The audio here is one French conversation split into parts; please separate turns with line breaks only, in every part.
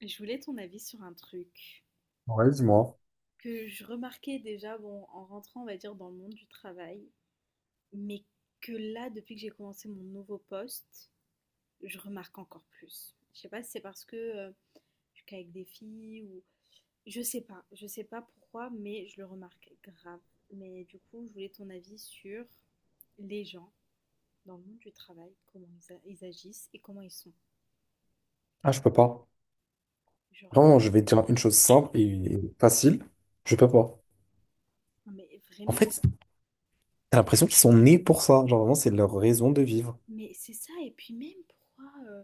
Je voulais ton avis sur un truc
Ouais, dis-moi.
que je remarquais déjà bon, en rentrant, on va dire, dans le monde du travail, mais que là, depuis que j'ai commencé mon nouveau poste, je remarque encore plus. Je sais pas si c'est parce que je suis qu'avec des filles ou. Je sais pas pourquoi, mais je le remarque grave. Mais du coup, je voulais ton avis sur les gens dans le monde du travail, comment ils agissent et comment ils sont.
Ah, je peux pas.
Genre,
Vraiment, je vais te dire une chose simple et facile. Je peux pas.
non mais
En
vraiment, en
fait, t'as l'impression
fait,
qu'ils sont nés pour ça. Genre, vraiment, c'est leur raison de vivre.
mais c'est ça, et puis même pourquoi... euh,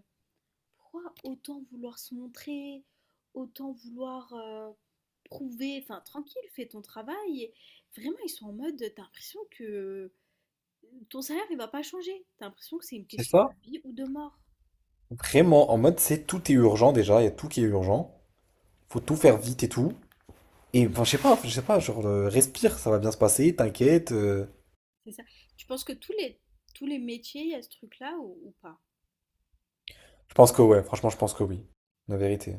pourquoi autant vouloir se montrer, autant vouloir prouver, enfin tranquille, fais ton travail. Et vraiment, ils sont en mode, t'as l'impression que ton salaire, il va pas changer. T'as l'impression que c'est une
C'est
question de
ça?
vie ou de mort.
Vraiment, en mode, c'est tout est urgent déjà. Il y a tout qui est urgent. Faut tout faire vite et tout. Et enfin, je sais pas, genre, respire, ça va bien se passer, t'inquiète.
C'est ça. Tu penses que tous les métiers, il y a ce truc-là ou pas?
Je pense que ouais, franchement, je pense que oui. La vérité.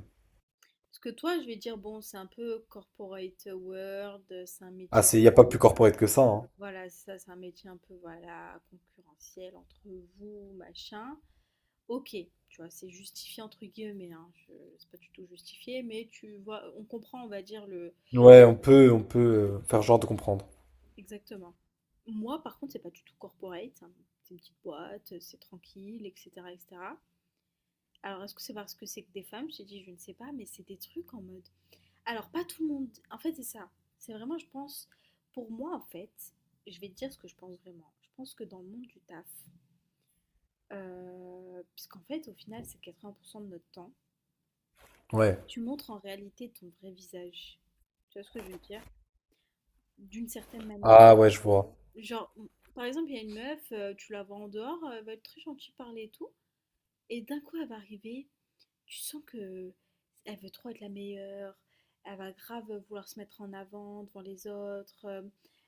Parce que toi, je vais dire, bon, c'est un peu corporate world, c'est un
Ah,
métier,
y a pas plus corporate que ça, hein.
voilà, c'est ça, c'est un métier un peu, voilà, concurrentiel entre vous, machin. OK, tu vois, c'est justifié entre guillemets, hein, je c'est pas du tout justifié, mais tu vois, on comprend, on va dire le.
Ouais,
Oui,
on peut faire genre de comprendre.
exactement. Moi, par contre, c'est pas du tout corporate, hein, c'est une petite boîte, c'est tranquille, et cetera, et cetera. Alors, est-ce que c'est parce que c'est que des femmes? Je t'ai dit, je ne sais pas, mais c'est des trucs en mode alors pas tout le monde en fait, c'est ça. C'est vraiment, je pense pour moi, en fait, je vais te dire ce que je pense vraiment. Je pense que dans le monde du taf, puisqu'en fait, au final, c'est 80 de notre temps.
Ouais.
Tu montres en réalité ton vrai visage. Tu vois ce que je veux dire? D'une certaine manière.
Ah ouais, je vois.
Genre, par exemple, il y a une meuf, tu la vois en dehors, elle va être très gentille, parler et tout. Et d'un coup, elle va arriver, tu sens que elle veut trop être la meilleure, elle va grave vouloir se mettre en avant devant les autres,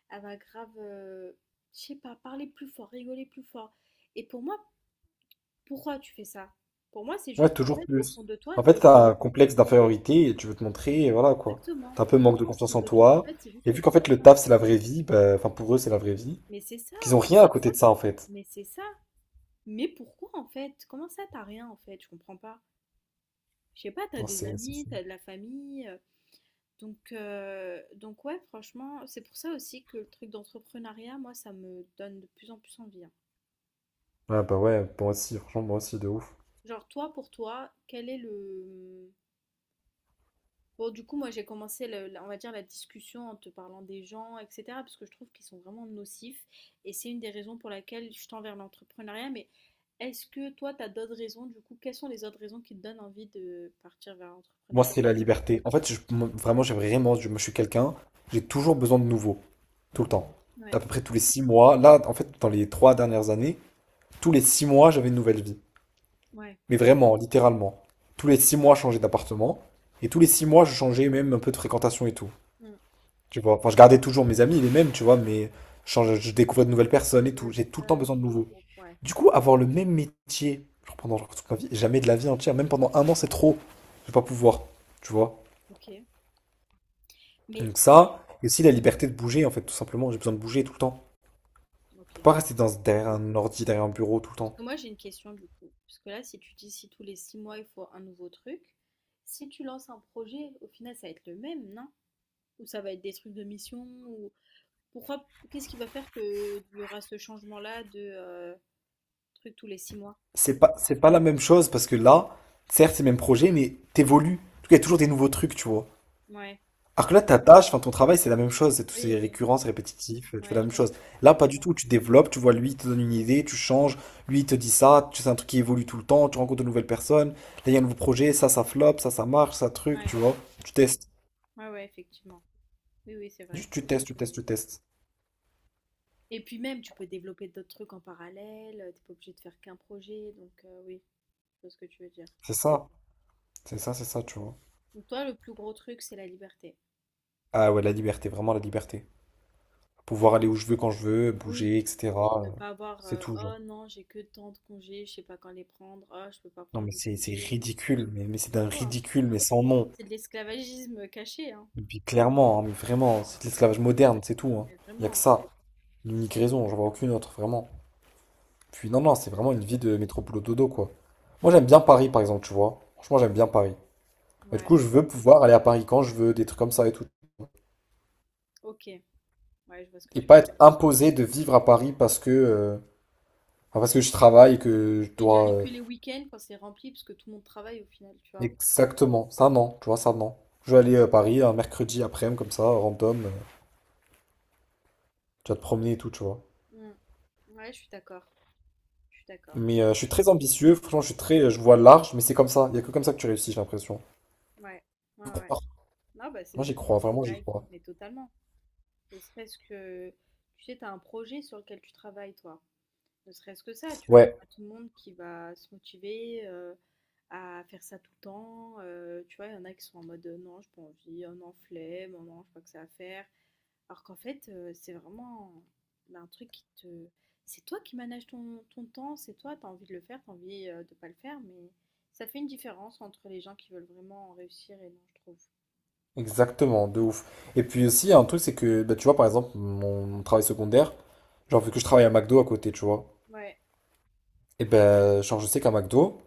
elle va grave, je sais pas, parler plus fort, rigoler plus fort. Et pour moi, pourquoi tu fais ça? Pour moi, c'est
Ouais,
juste, en
toujours
fait, au
plus.
fond de toi,
En fait,
t'es.
t'as un complexe d'infériorité et tu veux te montrer, et voilà quoi.
Exactement.
T'as un peu
Pour
manque
moi,
de
au
confiance
fond
en
de toi, en
toi.
fait, c'est juste
Et
que
vu
t'es
qu'en fait,
comme
le
ça.
taf, c'est la vraie vie, bah, enfin, pour eux, c'est la vraie vie,
Mais c'est ça,
qu'ils ont rien à côté de ça, en fait.
mais c'est ça. Mais pourquoi en fait? Comment ça t'as rien en fait? Je comprends pas. Je sais pas, t'as
Non,
des
c'est
amis,
fou.
t'as de la famille. Donc, ouais, franchement, c'est pour ça aussi que le truc d'entrepreneuriat, moi, ça me donne de plus en plus envie, hein.
Ouais, bah ouais, moi aussi, franchement, moi aussi, de ouf.
Genre toi, pour toi, quel est le. Bon, du coup, moi, j'ai commencé, on va dire, la discussion en te parlant des gens, etc., parce que je trouve qu'ils sont vraiment nocifs. Et c'est une des raisons pour laquelle je tends vers l'entrepreneuriat. Mais est-ce que toi, tu as d'autres raisons, du coup, quelles sont les autres raisons qui te donnent envie de partir vers
Moi,
l'entrepreneuriat?
c'est la liberté. En fait, moi, vraiment, moi, je suis quelqu'un, j'ai toujours besoin de nouveau, tout le temps. À
Ouais,
peu près tous les 6 mois. Là, en fait, dans les 3 dernières années, tous les 6 mois, j'avais une nouvelle vie.
ouais.
Mais vraiment, littéralement. Tous les 6 mois, je changeais d'appartement. Et tous les 6 mois, je changeais même un peu de fréquentation et tout.
Hmm.
Tu vois, enfin, je gardais toujours mes amis, les mêmes, tu vois, mais je découvrais de nouvelles
De
personnes et
nouvelles
tout. J'ai tout le temps
personnes, de
besoin de
nouveaux
nouveaux.
groupes, ouais.
Du coup, avoir le même métier, genre pendant genre toute ma vie, jamais de la vie entière, même pendant un an, c'est trop. Je vais pas pouvoir, tu vois.
Ok, mais
Donc ça, et aussi la liberté de bouger, en fait, tout simplement. J'ai besoin de bouger tout le temps. Je peux
ok.
pas rester derrière un ordi, derrière un bureau tout le
Parce
temps.
que moi j'ai une question du coup. Parce que là, si tu dis si tous les 6 mois il faut un nouveau truc, si tu lances un projet, au final ça va être le même, non? Ou ça va être des trucs de mission ou pourquoi, qu'est-ce qui va faire qu'il y aura ce changement-là de truc tous les 6 mois?
C'est pas la même chose parce que là, certes, c'est le même projet, mais t'évolues. En tout cas, il y a toujours des nouveaux trucs, tu vois.
Ouais,
Alors que là, ta tâche, enfin ton travail, c'est la même chose, c'est tout,
oui,
c'est
oui,
récurrent, c'est répétitif, tu fais
ouais,
la
je
même
vois ce
chose.
que tu veux
Là,
dire.
pas du tout, tu développes, tu vois, lui, il te donne une idée, tu changes, lui, il te dit ça, c'est un truc qui évolue tout le temps, tu rencontres de nouvelles personnes, là, il y a un nouveau projet, ça flop, ça marche, ça truc,
Ouais,
tu vois. Tu testes,
ouais, ouais, effectivement. Oui, oui, c'est vrai.
juste tu testes, tu testes, tu testes.
Et puis même, tu peux développer d'autres trucs en parallèle, t'es pas obligé de faire qu'un projet, donc oui, je vois ce que tu veux dire.
C'est ça, c'est ça, c'est ça, tu vois.
Donc toi, le plus gros truc, c'est la liberté.
Ah ouais, la liberté, vraiment la liberté. Pouvoir aller où je veux, quand je veux,
Oui,
bouger, etc.
oui, ne
euh,
pas avoir,
C'est tout, genre.
oh non, j'ai que tant de congés, je sais pas quand les prendre, oh, je peux pas
Non,
prendre
mais
de
c'est
congés.
ridicule, mais c'est
C'est
d'un
chaud, hein.
ridicule, mais sans nom.
C'est de l'esclavagisme caché, hein.
Et puis clairement, hein, mais vraiment, c'est de l'esclavage moderne, c'est tout. Hein.
Mais
Il n'y a que
vraiment, hein.
ça. L'unique raison, j'en vois aucune autre, vraiment. Puis non,
Donc,
non, c'est vraiment une vie de métropole dodo, quoi. Moi, j'aime bien Paris, par exemple, tu vois. Franchement, j'aime bien Paris. Mais du coup,
ouais.
je veux pouvoir aller à Paris quand je veux, des trucs comme ça et tout.
OK, ouais, je vois ce que
Et
tu
pas
veux dire.
être imposé de vivre à Paris parce que, enfin, parce que je travaille et que je
Et déjà
dois...
aller
euh,
que les week-ends quand c'est rempli, parce que tout le monde travaille au final, tu vois?
Exactement, ça non, tu vois, ça non. Je vais aller à Paris un mercredi après-midi, comme ça, random, tu vas te promener et tout, tu vois.
Mmh. Ouais, je suis d'accord, je suis d'accord.
Mais je suis très ambitieux, franchement, je suis très, je vois large, mais c'est comme ça. Il n'y a que comme ça que tu réussis, j'ai l'impression.
Ouais, ouais, ouais.
Croire.
Non, bah, c'est
Moi, j'y crois,
c'est une
vraiment, j'y
blague,
crois.
mais totalement. Ne serait-ce que, tu sais, tu as un projet sur lequel tu travailles, toi. Ne serait-ce que ça, tu vois, il y a
Ouais,
pas tout le monde qui va se motiver, à faire ça tout le temps, tu vois? Il y en a qui sont en mode: «Non, j'ai pas envie», «Oh non, flemme», «Oh non, je j'ai pas que ça à faire». Alors qu'en fait, c'est vraiment, bah, un truc qui te c'est toi qui manages ton temps, c'est toi, tu as envie de le faire, tu as envie, de pas le faire, mais ça fait une différence entre les gens qui veulent vraiment réussir et non, je trouve.
exactement, de ouf. Et puis aussi, il y a un truc, c'est que, bah, tu vois, par exemple, mon travail secondaire, genre, vu que je travaille à McDo à côté, tu vois,
Ouais,
et ben, genre, je sais qu'à McDo,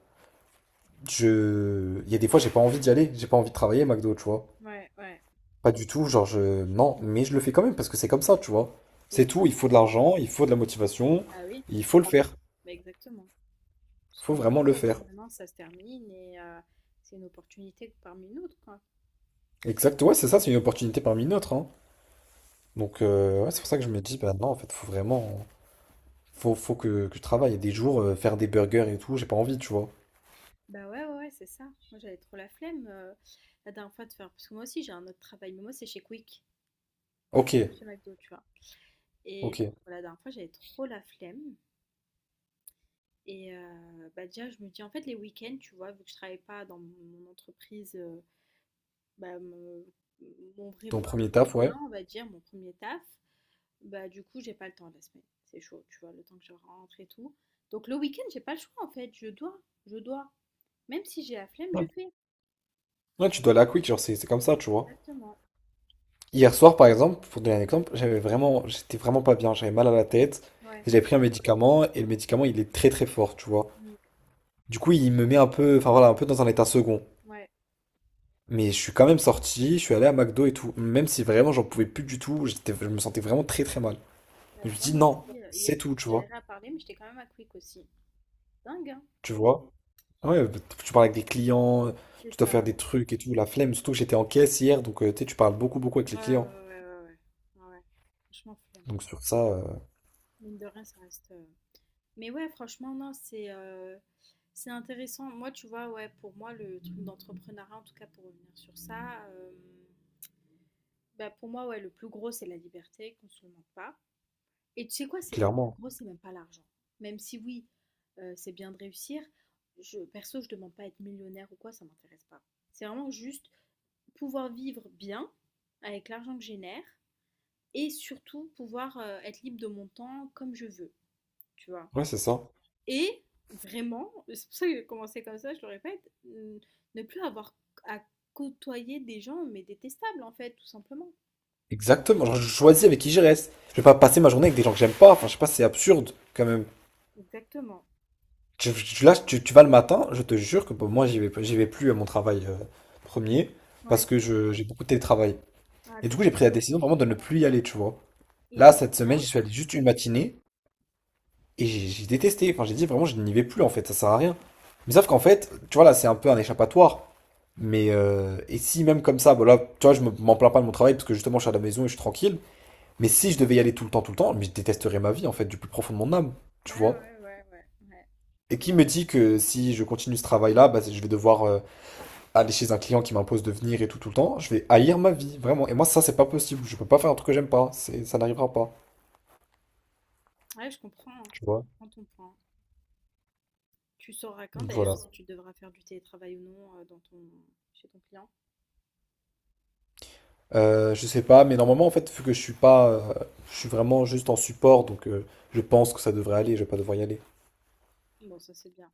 il y a des fois, j'ai pas envie d'y aller, j'ai pas envie de travailler à McDo, tu vois.
ouais, ouais,
Pas du tout, genre, Non, mais je le fais quand même, parce que c'est comme ça, tu vois.
c'est
C'est tout,
ça.
il faut de l'argent, il faut de la motivation,
Bah oui,
il faut
bah
le
oui,
faire.
bah exactement. Parce
Il
que
faut vraiment
McDo,
le
à tout
faire.
moment, ça se termine et c'est une opportunité parmi une autre, quoi.
Exact, ouais, c'est ça, c'est une opportunité parmi d'autres. Hein.
Donc
Donc,
euh,
ouais, c'est pour
ouais.
ça que je me dis, bah non, en fait, faut que je travaille. Il y a des jours, faire des burgers et tout, j'ai pas envie, tu vois.
Bah ouais, ouais, ouais, c'est ça. Moi, j'avais trop la flemme, la dernière fois de faire parce que moi aussi j'ai un autre travail, mais moi c'est chez Quick,
Ok,
pas chez McDo, tu vois?
ok.
Et pour la dernière fois, j'avais trop la flemme. Et bah, déjà, je me dis en fait, les week-ends, tu vois, vu que je travaille pas dans mon entreprise, bah, mon vrai
Ton
poste
premier
à temps
taf, ouais.
plein, on va dire, mon premier taf, bah, du coup, j'ai pas le temps la semaine. C'est chaud, tu vois, le temps que je rentre et tout. Donc le week-end, j'ai pas le choix, en fait, je dois, je dois. Même si j'ai la flemme, je
Ouais,
fais.
ouais, tu dois aller à la Quick, genre, c'est comme ça, tu vois.
Exactement.
Hier soir, par exemple, pour donner un exemple, j'étais vraiment pas bien, j'avais mal à la tête.
Ouais.
Et j'avais pris un médicament et le médicament, il est très très fort, tu vois.
Mmh.
Du coup, il me met un peu, enfin voilà, un peu dans un état second.
Ouais.
Mais je suis quand même sorti, je suis allé à McDo et tout, même si vraiment j'en pouvais plus du tout, je me sentais vraiment très très mal.
Bah,
Mais je me
tu vois,
dis
moi
non,
aussi, hier,
c'est tout,
je
tu vois.
galérais à parler, mais j'étais quand même à Quick aussi. Dingue, hein?
Tu vois? Ah ouais, bah, tu parles avec des clients,
C'est
tu dois faire
ça.
des trucs et tout, la flemme, surtout que j'étais en caisse hier, donc tu sais, tu parles beaucoup beaucoup avec les
Ouais, ouais,
clients.
ouais, ouais, ouais, ouais. Ouais, ouais. Franchement, flemme.
Donc sur ça,
Mine de rien, ça reste. Mais ouais, franchement, non, c'est intéressant. Moi, tu vois, ouais, pour moi, le truc d'entrepreneuriat, en tout cas, pour revenir sur ça, bah, pour moi, ouais, le plus gros, c'est la liberté, qu'on se le mente pas. Et tu sais quoi, c'est le plus
clairement.
gros, c'est même pas l'argent. Même si oui, c'est bien de réussir, je, perso, je demande pas à être millionnaire ou quoi, ça m'intéresse pas. C'est vraiment juste pouvoir vivre bien avec l'argent que je génère et surtout pouvoir être libre de mon temps comme je veux, tu vois.
Ouais, c'est ça.
Et vraiment, c'est pour ça que j'ai commencé comme ça, je le répète, ne plus avoir à côtoyer des gens, mais détestables en fait, tout simplement.
Exactement. Genre, je choisis avec qui je reste. Je vais pas passer ma journée avec des gens que j'aime pas. Enfin, je sais pas, c'est absurde quand même.
Exactement.
Là, tu vas le matin, je te jure que bon, moi, j'y vais plus à mon travail premier
Ouais.
parce que j'ai beaucoup de télétravail.
Ah,
Et
ça,
du coup, j'ai
c'est.
pris la décision vraiment de ne plus y aller, tu vois.
Il te
Là,
dit
cette semaine,
rien?
j'y suis allé juste une matinée. Et j'ai détesté. Enfin, j'ai dit vraiment, je n'y vais plus en fait, ça sert à rien. Mais sauf qu'en fait, tu vois, là, c'est un peu un échappatoire. Mais et si même comme ça, voilà, tu vois, m'en plains pas de mon travail parce que justement, je suis à la maison et je suis tranquille. Mais si je devais y aller tout le temps, mais je détesterais ma vie en fait, du plus profond de mon âme,
Ouais,
tu vois.
ouais, ouais, ouais, ouais.
Et qui me dit que si je continue ce travail-là, bah, je vais devoir aller chez un client qui m'impose de venir et tout, tout le temps. Je vais haïr ma vie, vraiment. Et moi, ça, c'est pas possible. Je peux pas faire un truc que j'aime pas. Ça n'arrivera pas,
Ouais, je comprends, hein.
tu
Je
vois.
comprends ton point. Tu sauras quand
Donc
d'ailleurs
voilà.
si tu devras faire du télétravail ou non chez ton client.
Je sais pas, mais normalement, en fait, vu que je suis pas, je suis vraiment juste en support, donc je pense que ça devrait aller, je vais pas devoir y aller.
Bon, ça c'est bien.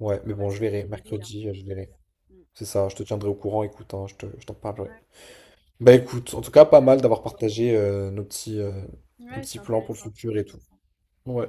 Ouais, mais
Télétravail,
bon, je
ça
verrai,
change la vie, hein.
mercredi, je verrai.
Mm.
C'est ça, je te tiendrai au courant, écoute, hein, je t'en parlerai.
Ouais.
Bah écoute, en tout cas,
Ouais,
pas mal d'avoir partagé nos
ouais, c'est
petits plans pour le
intéressant, c'est
futur et tout.
intéressant.
Ouais.